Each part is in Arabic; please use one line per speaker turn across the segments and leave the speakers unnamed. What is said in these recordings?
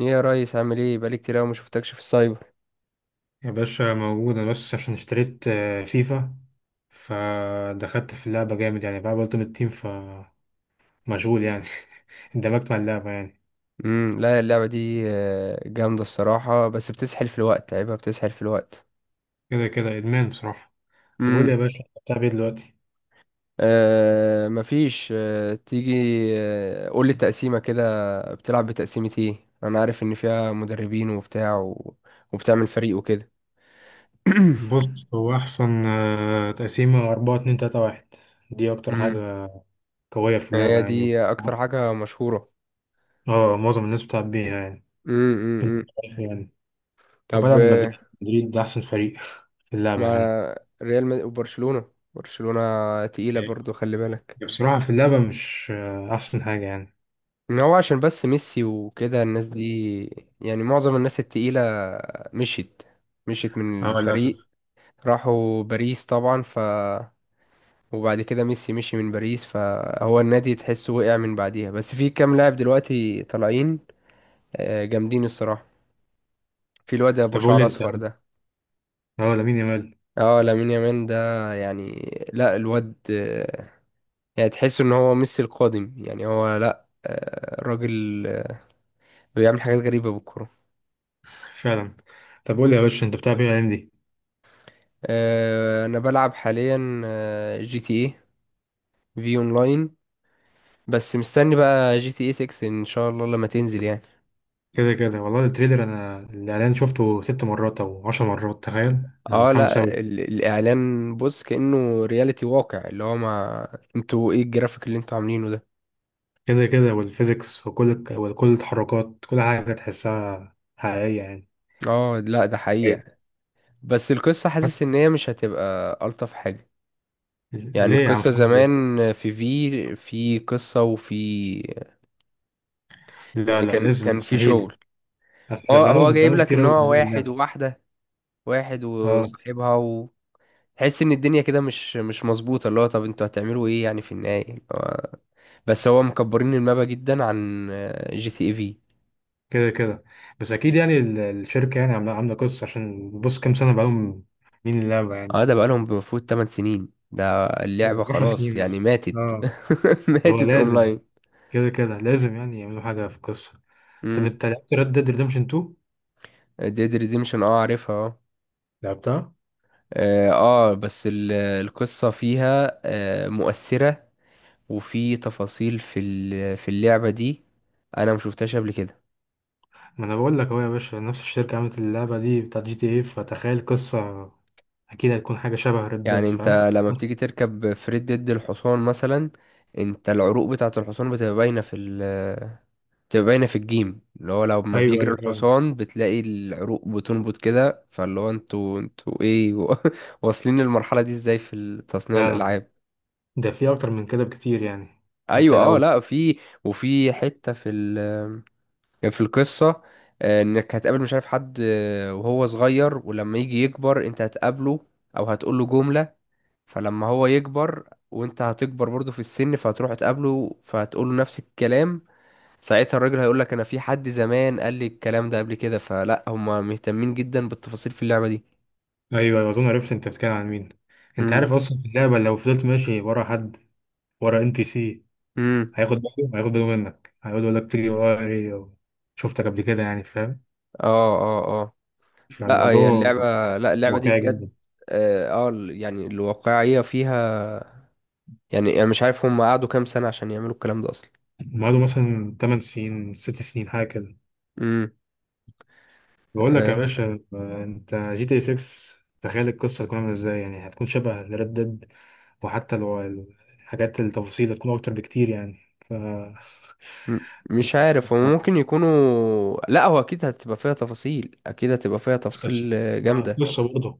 ايه يا ريس، عامل ايه؟ بقالي كتير قوي ما شفتكش في السايبر.
يا باشا موجودة بس عشان اشتريت فيفا. فدخلت في اللعبة جامد يعني، بقى التيم، فمشغول يعني. اندمجت مع اللعبة يعني.
لا اللعبه دي جامده الصراحه، بس بتسحل في الوقت، عيبها بتسحل في الوقت.
كده كده إدمان بصراحة. طب قول لي
امم
يا باشا، بتلعب ايه دلوقتي؟
آه مفيش. تيجي قول لي التقسيمه كده. بتلعب بتقسيمه ايه؟ انا عارف ان فيها مدربين وبتاع وبتعمل فريق وكده.
بص، هو أحسن تقسيمة أربعة اتنين تلاتة واحد. دي أكتر
امم
حاجة قوية في اللعبة
هي
يعني.
دي اكتر حاجه مشهوره.
اه، معظم الناس بتلعب بيها يعني
امم
يعني.
طب
وبلعب مدريد، مدريد ده أحسن فريق في اللعبة يعني.
ما ريال وبرشلونه، برشلونه تقيله برضو، خلي بالك.
بصراحة في اللعبة مش أحسن حاجة يعني.
إن هو عشان بس ميسي وكده الناس دي، يعني معظم الناس التقيلة مشيت مشيت من
اه،
الفريق.
للأسف.
راحوا باريس طبعا، ف وبعد كده ميسي مشي من باريس، فهو النادي تحسه وقع من بعديها. بس في كام لاعب دلوقتي طالعين جامدين الصراحة. في الواد ابو
طب قول لي
شعر
انت.
اصفر ده،
اه، لامين يامال.
اه لامين يامال ده. يعني لا الواد يعني تحس ان هو ميسي القادم. يعني هو لا راجل، بيعمل حاجات غريبة بالكرة.
فعلا. طب قول لي يا باشا، انت بتلعب ايه الايام دي؟
انا بلعب حاليا جي تي اي في اونلاين. بس مستني بقى جي تي اي 6 ان شاء الله لما تنزل، يعني
كده كده، والله التريلر، انا الاعلان شفته ست مرات او عشر مرات، تخيل. انا
اه
متحمس
لا
اوي.
الاعلان بص كأنه رياليتي واقع، اللي هو ما انتوا ايه الجرافيك اللي انتوا عاملينه ده؟
كده كده، والفيزيكس وكل التحركات، كل حاجه تحسها حقيقيه يعني.
اه لا ده
ايوه.
حقيقة، بس القصة حاسس ان هي مش هتبقى الطف حاجة. يعني
ليه يا عم
القصة
محمد، ليه؟
زمان في قصة وفي،
لا
يعني
لا،
كان
لازم،
كان في
مستحيل.
شغل.
اصل
اه هو
بقالهم
جايب
بقالهم
لك
كتير
ان
قوي
هو
بيعملوا
واحد
اللعبه.
وواحدة، واحد
اه.
وصاحبها. تحس ان الدنيا كده مش مظبوطه، اللي هو طب انتوا هتعملوا ايه يعني في النهايه بس هو مكبرين المابا جدا عن جي تي اي في.
كده كده. بس اكيد يعني، الشركه يعني عامله قصه، عشان بص كام سنه بقالهم عاملين اللعبه
اه
يعني.
ده بقالهم بمفروض 8 سنين، ده اللعبه
10
خلاص
سنين
يعني
مثلا.
ماتت.
اه، هو
ماتت
لازم.
اونلاين.
كده كده، لازم يعني يعملوا حاجة في القصة. طب
امم
انت لعبت ريد ديد ريدمشن 2؟
ديد ريديمشن، اه عارفها، اه.
لعبتها.
اه بس القصه فيها آه مؤثره، وفي تفاصيل في في اللعبه دي، انا مشوفتهاش قبل كده.
ما انا بقول لك اهو يا باشا، نفس الشركة عملت اللعبة دي بتاعت جي تي ايه، فتخيل قصة. اكيد هتكون حاجة شبه ريد ديد،
يعني انت
فاهم؟
لما بتيجي تركب فريد ضد الحصان مثلا، انت العروق بتاعة الحصان بتبقى باينة في ال، بتبقى باينة في الجيم، اللي هو لما
ايوه
بيجري
ايوه، فعلا.
الحصان بتلاقي العروق بتنبض كده، فاللي هو انتوا ايه واصلين للمرحلة دي ازاي في تصنيع
فعلا.
الألعاب؟
ده في اكتر من كده بكتير يعني. انت
ايوه اه
لو.
لا في، وفي حتة في ال، في القصة انك هتقابل مش عارف حد وهو صغير، ولما يجي يكبر انت هتقابله او هتقول له جملة. فلما هو يكبر وانت هتكبر برضه في السن، فهتروح تقابله فهتقول له نفس الكلام. ساعتها الراجل هيقول لك انا في حد زمان قال لي الكلام ده قبل كده. فلا هما مهتمين جدا بالتفاصيل في اللعبة دي.
ايوه ايوه، اظن عرفت انت بتتكلم عن مين. انت
امم.
عارف اصلا في اللعبة لو فضلت ماشي ورا حد، ورا ان بي سي،
امم.
هياخد باله منك، هيقعد يقول لك تيجي ورا ايه، شفتك قبل كده يعني، فاهم؟
اه اه اه. لا هي
فالموضوع
اللعبة، لا اللعبة دي
واقعي
بجد
جدا.
اه يعني الواقعية فيها، يعني انا مش عارف هم قعدوا كام سنة عشان يعملوا الكلام ده اصلا.
ومعاده مثلا 8 سنين، 6 سنين حاجة كده.
امم.
بقول لك يا
آه.
باشا، انت جي تي 6، تخيل القصة هتكون عاملة ازاي يعني، هتكون شبه ريد ديد. وحتى لو الحاجات، التفاصيل هتكون أكتر بكتير يعني. ف
م- مش عارف هو ممكن يكونوا، لا هو اكيد هتبقى فيها تفاصيل، اكيد هتبقى فيها
القصة.
تفاصيل
اه،
جامده.
القصة برضه.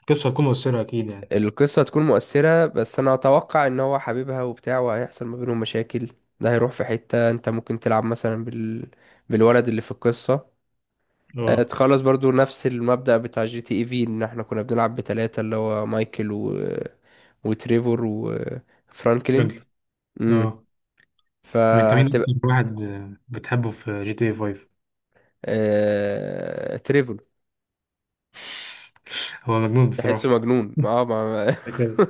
القصة هتكون مؤثرة أكيد يعني.
القصه هتكون مؤثره، بس انا اتوقع ان هو حبيبها وبتاع وهيحصل ما بينهم مشاكل. ده هيروح في حته انت ممكن تلعب مثلا بالولد اللي في القصه
اه.
تخلص برضو نفس المبدأ بتاع جي تي اي في، ان احنا كنا بنلعب بتلاتة، اللي هو مايكل وتريفور وفرانكلين.
فرانكلين.
امم
اه. طب انت مين
فهتبقى.
أكتر واحد بتحبه في جي تي 5؟
آه... تريفور.
هو مجنون
تحسه
بصراحة.
مجنون، ما اه ما ما-
كده.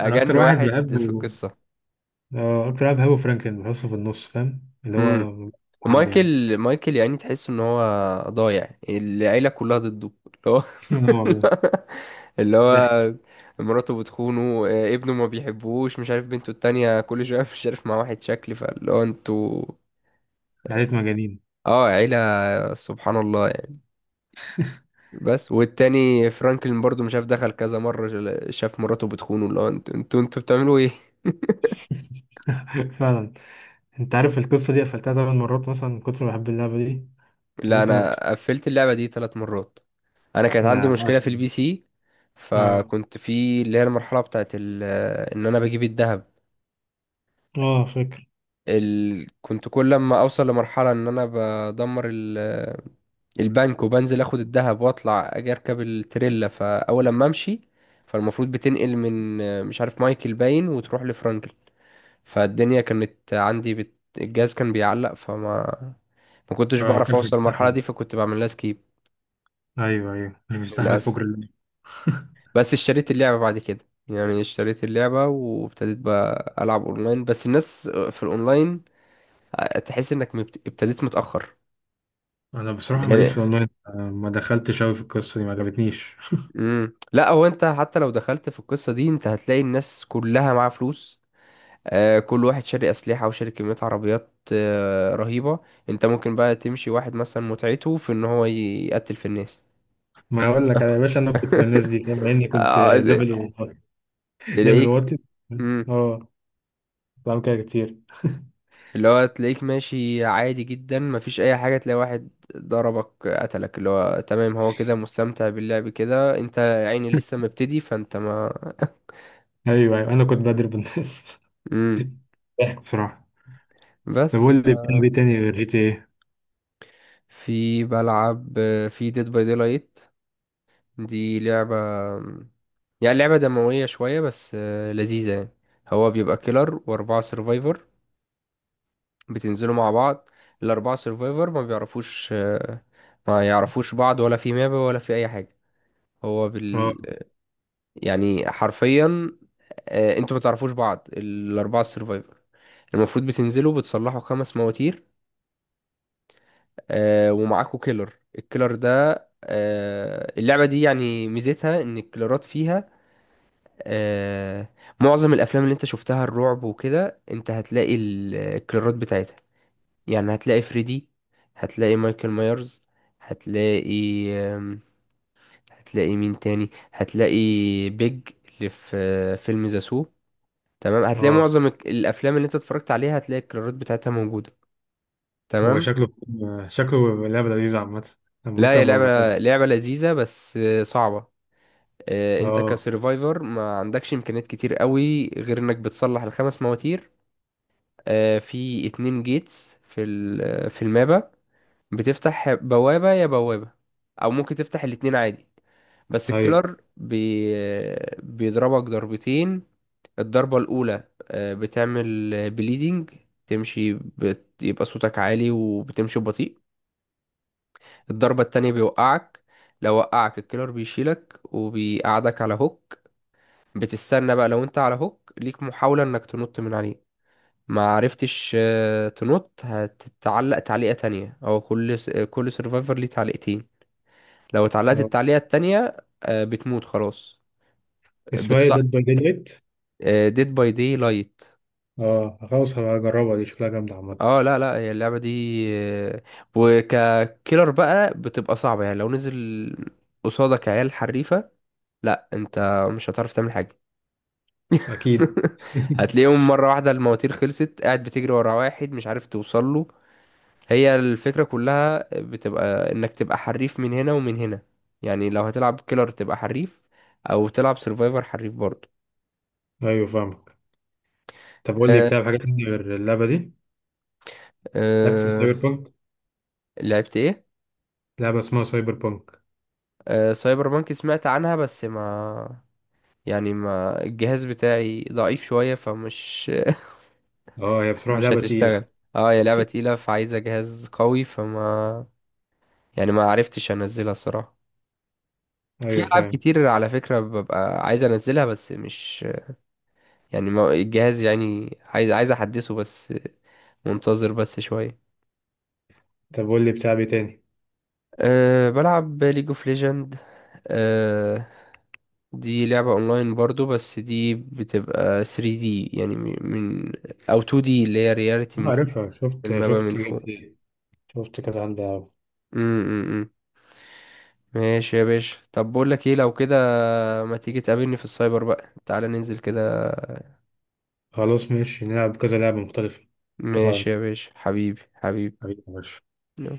أنا أكتر
اجن
واحد
واحد في
بحبه،
القصة.
أكتر لاعب، هو فرانكلين، بحسه في النص، فاهم، اللي
امم.
هو حد يعني.
مايكل يعني تحسه ان هو ضايع، العيلة كلها ضده. اللي هو
لا والله.
اللي
ضحك.
هو مراته بتخونه ابنه ما بيحبوش، مش عارف بنته التانية كل شوية مش عارف مع واحد شكل، فاللي هو انتوا.
عليت مجانين.
اه عيلة، سبحان الله يعني. بس والتاني فرانكلين برضو مش عارف دخل كذا مرة شاف مراته بتخونه، اللي هو انتوا بتعملوا ايه؟
فعلا. أنت عارف القصة دي قفلتها ثمان مرات مثلا من كتر ما بحب اللعبة دي.
لا
ممكن أكتر.
انا قفلت اللعبة دي ثلاث مرات. انا كانت عندي
أنا
مشكله
بعشق.
في البي سي،
اه.
فكنت في اللي هي المرحله بتاعت ان انا بجيب الذهب.
اه، فاكر.
ال... كنت كل لما اوصل لمرحله ان انا بدمر ال... البنك وبنزل اخد الذهب واطلع اجي اركب التريلا، فاول لما امشي، فالمفروض بتنقل من مش عارف مايكل باين وتروح لفرانكل، فالدنيا كانت عندي الجهاز كان بيعلق، فما ما كنتش
اه، ما
بعرف
كانش
اوصل المرحله دي،
بيستحمل.
فكنت بعمل لها سكيب
ايوه ايوه، مش بيستحمل،
للاسف.
فجر اللعب.
بس اشتريت اللعبة بعد كده، يعني اشتريت اللعبة وابتديت بقى ألعب أونلاين، بس الناس في الأونلاين تحس إنك ابتديت متأخر
انا بصراحه ماليش
يعني.
في الاونلاين، ما دخلتش قوي في القصه دي، ما عجبتنيش.
لا هو أنت حتى لو دخلت في القصة دي أنت هتلاقي الناس كلها معاها فلوس، آه كل واحد شاري أسلحة وشاري كمية عربيات آه رهيبة. أنت ممكن بقى تمشي واحد مثلا متعته في إن هو يقتل في الناس.
ما اقول لك انا يا باشا، انا كنت من الناس دي لما اني كنت
آه،
ليفل، ليفل
تلاقيك،
واطي. اه. بعمل كده كتير.
اللي هو تلاقيك ماشي عادي جدا مفيش اي حاجة، تلاقي واحد ضربك قتلك، اللي هو تمام هو كده مستمتع باللعب كده، انت يا عيني لسه مبتدي فانت ما.
ايوه ايوه، انا كنت بضرب الناس.
مم.
ضحك بصراحه. طب
بس
قول لي بتلعب ايه تاني غير جي تي ايه؟
في بلعب في ديد باي دي لايت. دي لعبة، يعني لعبة دموية شوية بس لذيذة يعني. هو بيبقى كيلر وأربعة سيرفايفر، بتنزلوا مع بعض. الأربعة سيرفايفر ما بيعرفوش ما يعرفوش بعض، ولا في ماب ولا في أي حاجة. هو
اه.
يعني حرفيا انتوا ما تعرفوش بعض، الاربعه السرفايفر المفروض بتنزلوا بتصلحوا خمس مواتير، ومعاكوا كيلر. الكيلر ده اللعبه دي يعني ميزتها ان الكيلرات فيها آه، معظم الافلام اللي انت شفتها الرعب وكده، انت هتلاقي الكيلرات بتاعتها. يعني هتلاقي فريدي، هتلاقي مايكل مايرز، هتلاقي هتلاقي مين تاني؟ هتلاقي بيج اللي في فيلم ذا، تمام؟ هتلاقي
اه.
معظم الافلام اللي انت اتفرجت عليها هتلاقي الكرارات بتاعتها موجوده.
هو
تمام.
شكله، شكله لعبه لذيذه عامه. أنا
لا
ممكن
هي
ابقى اجربها.
لعبه لذيذه، بس صعبه. انت
اه.
كسرفايفر ما عندكش امكانيات كتير قوي غير انك بتصلح الخمس مواتير. في اتنين جيتس في في المابا، بتفتح بوابه يا بوابه، او ممكن تفتح الاتنين عادي. بس
ايوه.
الكيلر بيضربك ضربتين. الضربة الأولى بتعمل بليدنج، تمشي يبقى صوتك عالي وبتمشي ببطيء. الضربة التانية بيوقعك، لو وقعك الكيلر بيشيلك وبيقعدك على هوك. بتستنى بقى، لو انت على هوك ليك محاولة انك تنط من عليه، ما عرفتش تنط هتتعلق تعليقة تانية، او كل سيرفايفر ليه تعليقتين. لو اتعلقت
اه،
التعليقة التانية بتموت خلاص.
اسمها ايه،
بتص...
ديد باي ديد لايت؟
ديد باي دي لايت.
اه خلاص، هبقى اجربها، دي شكلها جامده عامه.
اه لا لا هي اللعبة دي آه، وككيلر بقى بتبقى صعبة، يعني لو نزل قصادك عيال حريفة، لا انت مش هتعرف تعمل حاجة.
اكيد.
هتلاقيهم مرة واحدة المواتير خلصت، قاعد بتجري ورا واحد مش عارف توصل له. هي الفكرة كلها بتبقى انك تبقى حريف من هنا ومن هنا، يعني لو هتلعب كيلر تبقى حريف، او تلعب سيرفايفر حريف برضه.
ايوه فاهمك. طب قول لي
أه
بتلعب حاجه تانية غير اللعبه دي؟ لعبت
أه.
سايبر بانك؟
لعبت ايه؟
لعبه اسمها سايبر بانك.
أه سايبر بانك سمعت عنها، بس ما يعني ما الجهاز بتاعي ضعيف شوية فمش
اه، هي بصراحه
مش
لعبه تقيله.
هتشتغل. اه هي لعبة تقيلة فعايزة جهاز قوي، فما يعني ما عرفتش انزلها الصراحة. في
ايوه
ألعاب
فاهم.
كتير على فكرة ببقى عايز انزلها، بس مش يعني ما الجهاز يعني عايز احدثه، بس منتظر بس شوية.
طب قول لي بتلعب ايه تاني؟
أه بلعب ليج اوف ليجند. أه دي لعبة اونلاين برضو، بس دي بتبقى 3D، يعني او 2D اللي هي رياليتي
اه
من فوق،
عارفها، شفت
المابا من
شفت جيم
فوق.
بلاي. شفت كذا، عندي أوي.
امم. ماشي يا باشا، طب بقول لك ايه لو كده، ما تيجي تقابلني في السايبر بقى، تعالى ننزل كده.
خلاص ماشي، نلعب كذا لعبة مختلفة.
ماشي
اتفقنا.
يا باشا، حبيبي حبيبي.
حبيبي يا باشا.
يلا.